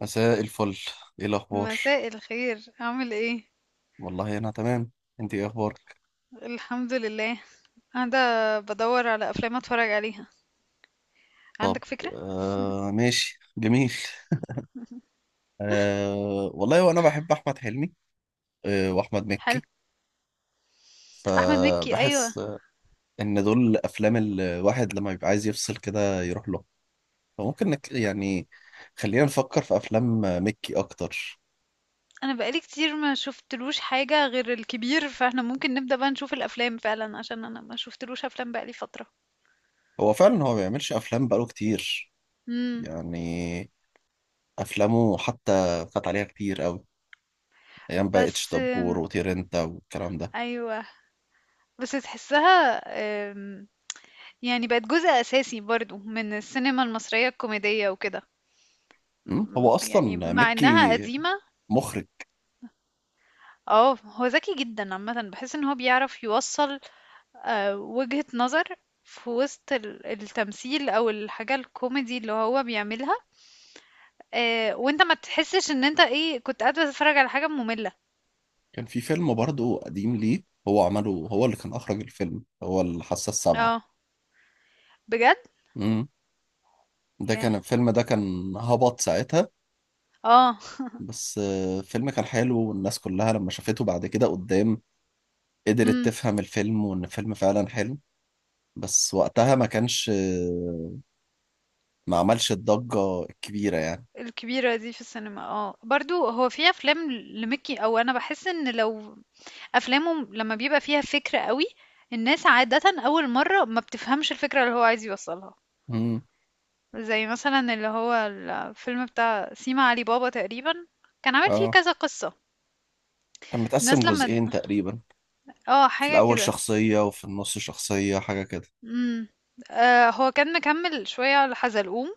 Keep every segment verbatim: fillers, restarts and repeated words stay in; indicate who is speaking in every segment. Speaker 1: مساء الفل. ايه الاخبار؟
Speaker 2: مساء الخير، عامل ايه؟
Speaker 1: والله انا تمام. انت ايه اخبارك؟
Speaker 2: الحمد لله. قاعده بدور على افلام اتفرج عليها.
Speaker 1: طب
Speaker 2: عندك فكره؟
Speaker 1: آه، ماشي جميل. آه والله وانا بحب احمد حلمي، آه واحمد مكي.
Speaker 2: حلو. احمد مكي، ايوه.
Speaker 1: فبحس آه، ان دول افلام الواحد لما بيبقى عايز يفصل كده يروح له. فممكن نك يعني خلينا نفكر في افلام آه، مكي اكتر.
Speaker 2: انا بقالي كتير ما شفتلوش حاجه غير الكبير، فاحنا ممكن نبدا بقى نشوف الافلام فعلا عشان انا ما شفتلوش افلام بقالي فتره.
Speaker 1: هو فعلا هو ما بيعملش افلام بقاله كتير.
Speaker 2: امم.
Speaker 1: يعني افلامه حتى فات عليها كتير قوي، ايام بقى اتش
Speaker 2: بس
Speaker 1: دبور
Speaker 2: أم،
Speaker 1: وطير انت والكلام ده.
Speaker 2: ايوه، بس تحسها. أم، يعني بقت جزء اساسي برضو من السينما المصريه الكوميديه وكده.
Speaker 1: مم.
Speaker 2: أم،
Speaker 1: هو
Speaker 2: يعني
Speaker 1: اصلا
Speaker 2: مع انها
Speaker 1: مكي
Speaker 2: قديمه.
Speaker 1: مخرج.
Speaker 2: اه، هو ذكي جدا عامة، بحس ان هو بيعرف يوصل آه، وجهة نظر في وسط ال- التمثيل او الحاجة الكوميدي اللي هو بيعملها. آه، وانت ما تحسش ان انت ايه كنت قاعد بتتفرج على حاجة مملة.
Speaker 1: كان في فيلم برضه قديم ليه هو عمله، هو اللي كان اخرج الفيلم، هو الحاسه السابعه.
Speaker 2: اه، بجد.
Speaker 1: مم. ده
Speaker 2: ياه.
Speaker 1: كان الفيلم، ده كان هبط ساعتها.
Speaker 2: اه.
Speaker 1: بس آه، الفيلم كان حلو، والناس كلها لما شافته بعد كده قدام قدرت
Speaker 2: امم.
Speaker 1: تفهم الفيلم وان الفيلم فعلا حلو. بس وقتها ما كانش آه، ما عملش الضجة الكبيرة يعني.
Speaker 2: الكبيرة دي في السينما، اه برضو هو في افلام لميكي، او انا بحس ان لو افلامه لما بيبقى فيها فكرة قوي الناس عادة اول مرة ما بتفهمش الفكرة اللي هو عايز يوصلها.
Speaker 1: مم.
Speaker 2: زي مثلا اللي هو الفيلم بتاع سيما علي بابا تقريبا كان عامل فيه
Speaker 1: اه
Speaker 2: كذا قصة.
Speaker 1: كان متقسم
Speaker 2: الناس لما،
Speaker 1: جزئين تقريبا،
Speaker 2: اه،
Speaker 1: في
Speaker 2: حاجة
Speaker 1: الاول
Speaker 2: كده.
Speaker 1: شخصية وفي النص شخصية، حاجة كده.
Speaker 2: امم. آه، هو كان مكمل شوية على حزلقوم،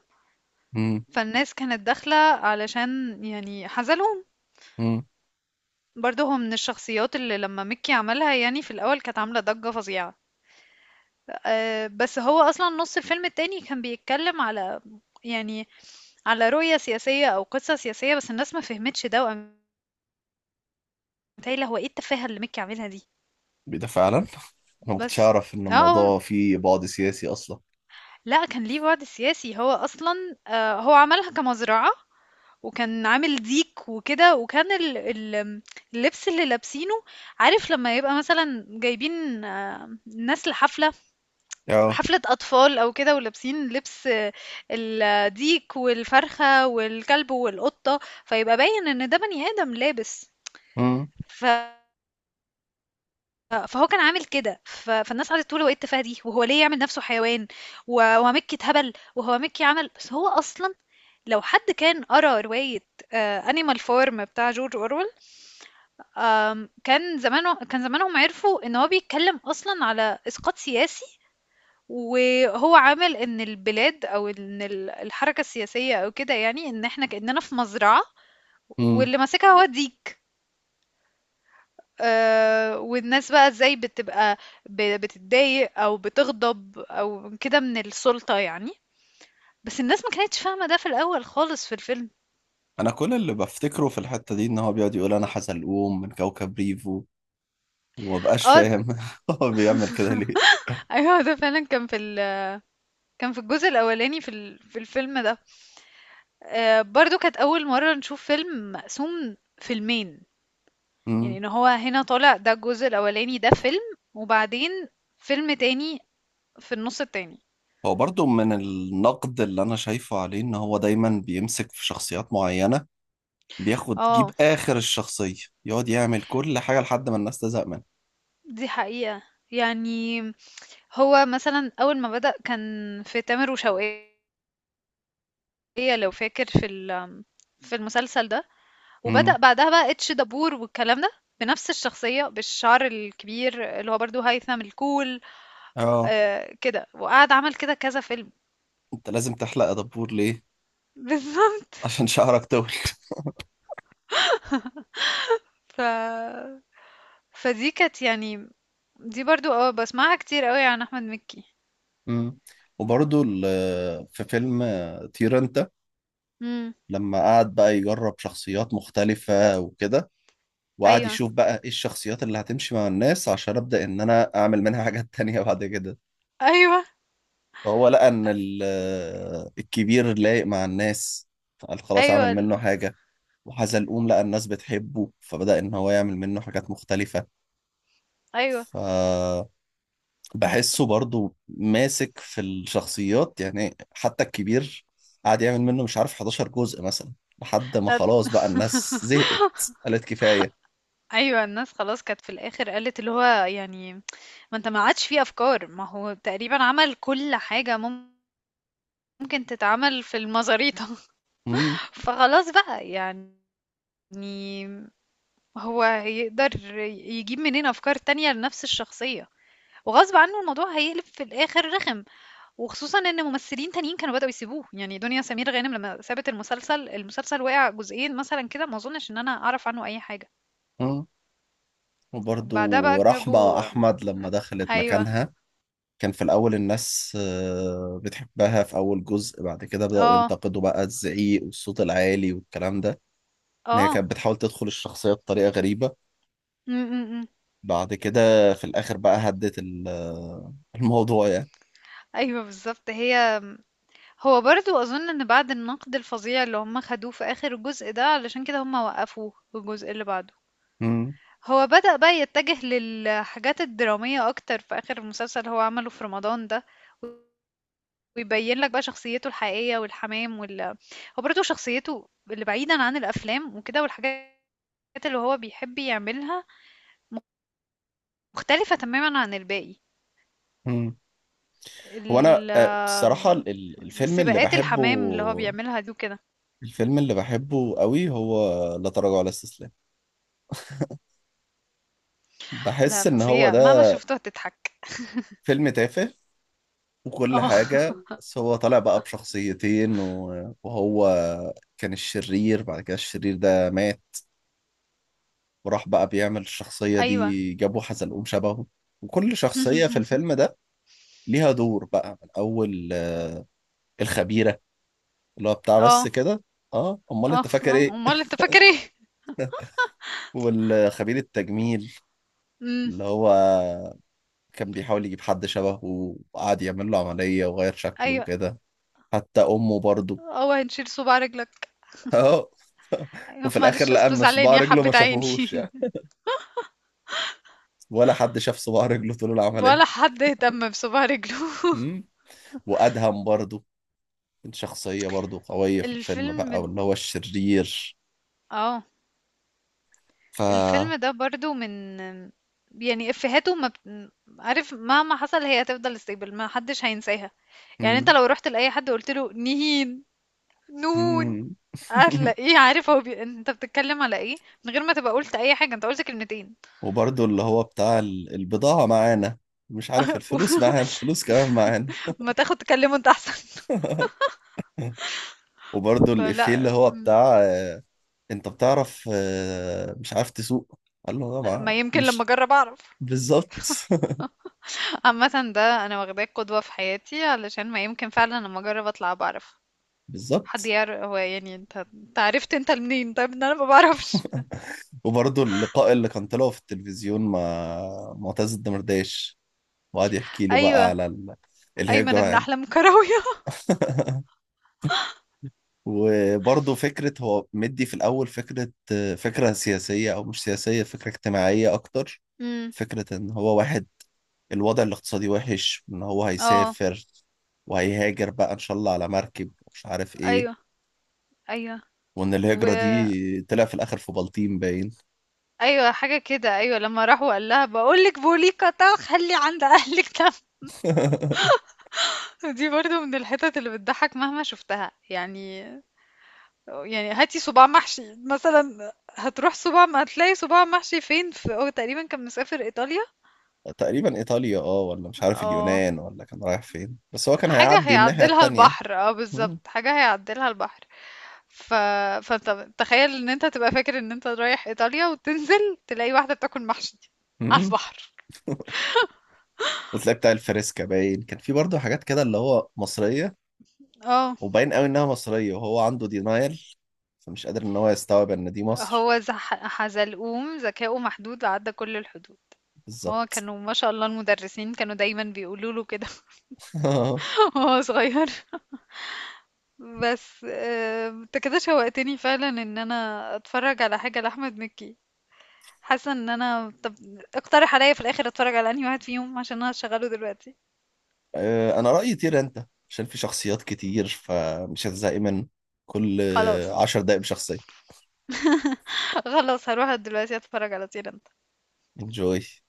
Speaker 1: مم.
Speaker 2: فالناس كانت داخلة علشان يعني حزلقوم.
Speaker 1: مم.
Speaker 2: برضه هو من الشخصيات اللي لما مكي عملها يعني في الأول كانت عاملة ضجة فظيعة. آه بس هو أصلا نص الفيلم التاني كان بيتكلم على، يعني، على رؤية سياسية أو قصة سياسية، بس الناس ما فهمتش ده، وقامت قايلة هو ايه التفاهة اللي مكي عاملها دي؟
Speaker 1: ده فعلا انا ما كنتش
Speaker 2: بس.
Speaker 1: اعرف ان
Speaker 2: آه، آه،
Speaker 1: الموضوع فيه بعد سياسي اصلا.
Speaker 2: لأ، كان ليه بُعد سياسي، هو أصلًا آآ هو عملها كمزرعة، وكان عامل ديك وكده، وكان ال ال آمم، اللبس اللي لابسينه، عارف لمّا يبقى مثلًا جايبين آه، ناس لحفلة،
Speaker 1: اه.
Speaker 2: حفلة أطفال أو كده، ولابسين لبس آه، الديك والفرخة والكلب والقطة، فيبقى باين إن ده بني آدم لابس.
Speaker 1: امم.
Speaker 2: ف آه، فهو كان عامل كده ف... فالناس قعدت تقول هو ايه التفاهه دي وهو ليه يعمل نفسه حيوان. و- ومكي اتهبل. وهو مكي عمل، بس هو اصلا لو حد كان قرا روايه انيمال فورم بتاع جورج اورويل آم، كان زمانه كان زمانهم عرفوا ان هو بيتكلم اصلا على اسقاط سياسي. وهو عامل ان البلاد او ان ال- الحركه السياسيه او كده، يعني ان احنا كاننا في مزرعه
Speaker 1: امم.
Speaker 2: واللي ماسكها هو الديك. آه، والناس بقى ازاي بتبقى ب- بتتضايق او بتغضب او كده من السلطة يعني. بس الناس ما كانتش فاهمة ده في الاول خالص في الفيلم.
Speaker 1: انا كل اللي بفتكره في الحتة دي ان هو بيقعد يقول انا حزلقوم من كوكب ريفو، وما بقاش
Speaker 2: اه.
Speaker 1: فاهم هو بيعمل كده ليه.
Speaker 2: ايوه، ده فعلا كان في ال... كان في الجزء الاولاني في ال... في الفيلم ده. آه، برضو كانت اول مرة نشوف فيلم مقسوم فيلمين، يعني
Speaker 1: امم.
Speaker 2: ان هو هنا طالع، ده الجزء الاولاني ده فيلم، وبعدين فيلم تاني في النص التاني.
Speaker 1: هو برضو من النقد اللي انا شايفه عليه ان هو دايما بيمسك في شخصيات معينة، بياخد جيب
Speaker 2: اه.
Speaker 1: اخر الشخصية، يقعد يعمل كل حاجة لحد ما الناس تزهق منه.
Speaker 2: دي حقيقة. يعني هو مثلًا أول ما بدأ كان في تامر وشوقية، لو فاكر في ال، في المسلسل ده، وبدأ
Speaker 1: امم.
Speaker 2: بعدها بقى اتش دبور والكلام ده، بنفس الشخصية، بالشعر الكبير اللي هو برضه هيثم الكول.
Speaker 1: اه
Speaker 2: آآ كده، وقعد عمل كده كذا فيلم.
Speaker 1: انت لازم تحلق يا دبور ليه؟
Speaker 2: بالضبط.
Speaker 1: عشان شعرك طول.
Speaker 2: ف فدي كانت يعني، دي برضه آه، باسمعها كتير أوي عن أحمد مكي.
Speaker 1: مم. وبرضه ال- في فيلم طير انت
Speaker 2: إمم.
Speaker 1: لما قعد بقى يجرب شخصيات مختلفة وكده، وقعد
Speaker 2: أيوه،
Speaker 1: يشوف بقى ايه الشخصيات اللي هتمشي مع الناس عشان ابدأ ان انا اعمل منها حاجات تانية بعد كده.
Speaker 2: أيوه.
Speaker 1: فهو لقى ان ال- الكبير لايق مع الناس، فقال خلاص اعمل
Speaker 2: أيوه، ال،
Speaker 1: منه حاجة. وحزلقوم لقى الناس بتحبه فبدأ ان هو يعمل منه حاجات مختلفة.
Speaker 2: أيوه.
Speaker 1: ف بحسه برضو ماسك في الشخصيات، يعني حتى الكبير قعد يعمل منه مش عارف حداشر جزء مثلا، لحد ما
Speaker 2: لا.
Speaker 1: خلاص بقى الناس زهقت قالت كفاية.
Speaker 2: أيوه، الناس خلاص كانت في الآخر قالت اللي هو، يعني، ما أنت ما عادش في أفكار، ما هو تقريبًا عمل كل حاجة مم- ممكن تتعمل في المزاريطة.
Speaker 1: مم.
Speaker 2: فخلاص بقى، يعني، هو هيقدر ي يجيب منين أفكار تانية لنفس الشخصية، وغصب عنه الموضوع هيقلب في الآخر رخم، وخصوصًا إن ممثلين تانيين كانوا بدأوا يسيبوه، يعني دنيا سمير غانم لمّا سابت المسلسل، المسلسل وقع جزئين مثلًا كده، ما أظنش إن أنا أعرف عنه أي حاجة.
Speaker 1: مم.
Speaker 2: وبعدها بقى
Speaker 1: وبرضو رحمة
Speaker 2: جابوا.
Speaker 1: أحمد لما دخلت
Speaker 2: أيوه.
Speaker 1: مكانها كان في الأول الناس آه، بتحبها في أول جزء، بعد كده بدأوا
Speaker 2: آه،
Speaker 1: ينتقدوا بقى الزعيق والصوت العالي والكلام ده. إن هي
Speaker 2: آه.
Speaker 1: كانت بتحاول تدخل الشخصية بطريقة غريبة.
Speaker 2: إمم، إمم، إمم.
Speaker 1: بعد كده في الآخر بقى هدت ال- آه، الموضوع يعني.
Speaker 2: أيوه بالضبط. هي هو برضه أظن إن بعد النقد الفظيع اللي هم خدوه في آخر الجزء ده، علشان كده هم وقّفوه والجزء اللي بعده.
Speaker 1: مم.
Speaker 2: هو بدأ بقى يتجه للحاجات الدرامية أكتر في آخر المسلسل اللي هو عمله في رمضان ده، ويبيّن لك بقى شخصيته الحقيقية والحمام وال، هو برضه شخصيته اللي بعيدًا عن الأفلام وكده والحاجات اللي هو بيحب يعملها مختلفة تمامًا عن الباقي.
Speaker 1: مم. هو انا
Speaker 2: ال
Speaker 1: آه، الصراحه
Speaker 2: آمم،
Speaker 1: ال- الفيلم اللي
Speaker 2: سباقات
Speaker 1: بحبه،
Speaker 2: الحمام اللي هو بيعملها دي وكده.
Speaker 1: الفيلم اللي بحبه قوي هو لا تراجع ولا استسلام.
Speaker 2: ده
Speaker 1: بحس ان هو
Speaker 2: فظيع، مهما
Speaker 1: ده
Speaker 2: شفته هتضحك.
Speaker 1: فيلم تافه وكل
Speaker 2: اه.
Speaker 1: حاجه، بس هو طالع بقى بشخصيتين و- وهو كان الشرير، بعد كده الشرير ده مات وراح بقى بيعمل الشخصيه
Speaker 2: ايوه.
Speaker 1: دي، جابوا حزلقوم شبهه. وكل شخصيه في الفيلم ده ليها دور، بقى من اول آه، الخبيره اللي هو بتاع بس
Speaker 2: اه.
Speaker 1: كده. اه امال
Speaker 2: اه.
Speaker 1: انت فاكر
Speaker 2: اه،
Speaker 1: ايه.
Speaker 2: امال انت فاكر ايه؟
Speaker 1: والخبير التجميل
Speaker 2: امم.
Speaker 1: اللي هو كان بيحاول يجيب حد شبهه، وقعد يعمل له عملية وغير شكله
Speaker 2: ايوه.
Speaker 1: وكده. حتى أمه برضه
Speaker 2: اه، هنشيل صباع رجلك.
Speaker 1: أهو.
Speaker 2: ايوه،
Speaker 1: وفي الآخر
Speaker 2: معلش
Speaker 1: لقى
Speaker 2: اصله
Speaker 1: إن
Speaker 2: زعلان
Speaker 1: صباع
Speaker 2: يا
Speaker 1: رجله
Speaker 2: حبة
Speaker 1: ما
Speaker 2: عيني.
Speaker 1: شافوهوش يعني، ولا حد شاف صباع رجله طول العملية.
Speaker 2: ولا حد اهتم بصباع رجله.
Speaker 1: أمم. وأدهم برضه كان شخصية برضه قوية في الفيلم
Speaker 2: الفيلم
Speaker 1: بقى،
Speaker 2: د-
Speaker 1: واللي هو الشرير.
Speaker 2: اه.
Speaker 1: ف
Speaker 2: الفيلم ده برضو من، يعني، افهاته ما بت... عارف مهما حصل هي هتفضل ستيبل ما حدش هينساها. يعني انت
Speaker 1: أمم.
Speaker 2: لو رحت لاي حد وقلت له نهين نون
Speaker 1: أمم.
Speaker 2: هتلاقيه عارف هو بي... انت بتتكلم على ايه، من غير ما تبقى قلت اي حاجه، انت قلت كلمتين.
Speaker 1: وبرضه اللي هو بتاع ال- البضاعة معانا، مش عارف الفلوس معانا، الفلوس كمان معانا.
Speaker 2: ما تاخد تكلمه انت احسن.
Speaker 1: وبرضه الإفيه
Speaker 2: فلا
Speaker 1: اللي هو
Speaker 2: م-
Speaker 1: بتاع انت بتعرف آه، مش عارف تسوق، قال له
Speaker 2: لا،
Speaker 1: طبعا
Speaker 2: ما يمكن لما
Speaker 1: مش
Speaker 2: اجرب اعرف.
Speaker 1: بالظبط.
Speaker 2: عامه ده انا واخداه قدوه في حياتي، علشان ما يمكن فعلا لما اجرب اطلع بعرف. حد
Speaker 1: بالظبط.
Speaker 2: يعرف هو، يعني، انت انت عرفت انت منين؟ طيب ان انا ما بعرفش.
Speaker 1: وبرضه اللقاء اللي كان طلعه في التلفزيون مع معتز الدمرداش، وقعد يحكي له بقى
Speaker 2: ايوه،
Speaker 1: على ال-
Speaker 2: ايمن
Speaker 1: الهجرة
Speaker 2: ابن
Speaker 1: يعني.
Speaker 2: احلام كراويه.
Speaker 1: وبرضه فكرة هو مدي في الأول فكرة، فكرة سياسية أو مش سياسية، فكرة اجتماعية أكتر.
Speaker 2: امم.
Speaker 1: فكرة إن هو واحد الوضع الاقتصادي وحش، إن هو
Speaker 2: اه.
Speaker 1: هيسافر وهيهاجر بقى إن شاء الله على مركب مش عارف إيه.
Speaker 2: ايوه، ايوه.
Speaker 1: وان
Speaker 2: و
Speaker 1: الهجرة دي طلع في الاخر في بلطيم باين.
Speaker 2: أيوه، حاجة كده، أيوه، لمّا راح وقال لها باقول لِك بوليكا تا خلّي عند أهلِك ده. دي برضه من الحِتَت اللي بتضحّك مهما شُفتها. يعني يعني هاتي صُباع محشي مثلًا، هتروح صُباع م هتلاقي صُباع محشي فين؟ ف هو تقريبًا كان مسافر إيطاليا.
Speaker 1: تقريبا ايطاليا اه، ولا مش عارف
Speaker 2: آه،
Speaker 1: اليونان، ولا كان رايح فين، بس هو كان
Speaker 2: حاجة
Speaker 1: هيعدي الناحية
Speaker 2: هيعدّلها
Speaker 1: التانية.
Speaker 2: البحر، آه
Speaker 1: مم.
Speaker 2: بالضبط، حاجة هيعدّلها البحر. ف فأنت تخيّل إن أنت تبقى فاكر إن أنت رايح إيطاليا وتنزل تلاقي واحدة بتاكل محشي على
Speaker 1: مم.
Speaker 2: البحر.
Speaker 1: وتلاقي بتاع الفريسكا باين، كان في برضه حاجات كده اللي هو مصرية،
Speaker 2: آه.
Speaker 1: وباين قوي انها مصرية وهو عنده دينايل فمش قادر ان هو يستوعب ان دي مصر.
Speaker 2: هو زح... حزلقوم ذكاؤه محدود عدى كل الحدود. هو
Speaker 1: بالظبط.
Speaker 2: كانوا ما شاء الله المدرسين كانوا دايما بيقولوا له كده وهو صغير. بس آه، انت كده شوقتني فعلا ان انا اتفرج على حاجة لأحمد مكي. حاسة ان انا، طب اقترح عليا في الاخر اتفرج على انهي واحد فيهم عشان انا هشغله دلوقتي.
Speaker 1: آه، انا رأيي طير انت عشان في شخصيات كتير فمش هتزهقي من كل
Speaker 2: خلاص.
Speaker 1: عشر دقايق بشخصية.
Speaker 2: خلاص هروح دلوقتي اتفرج على طير.
Speaker 1: انجوي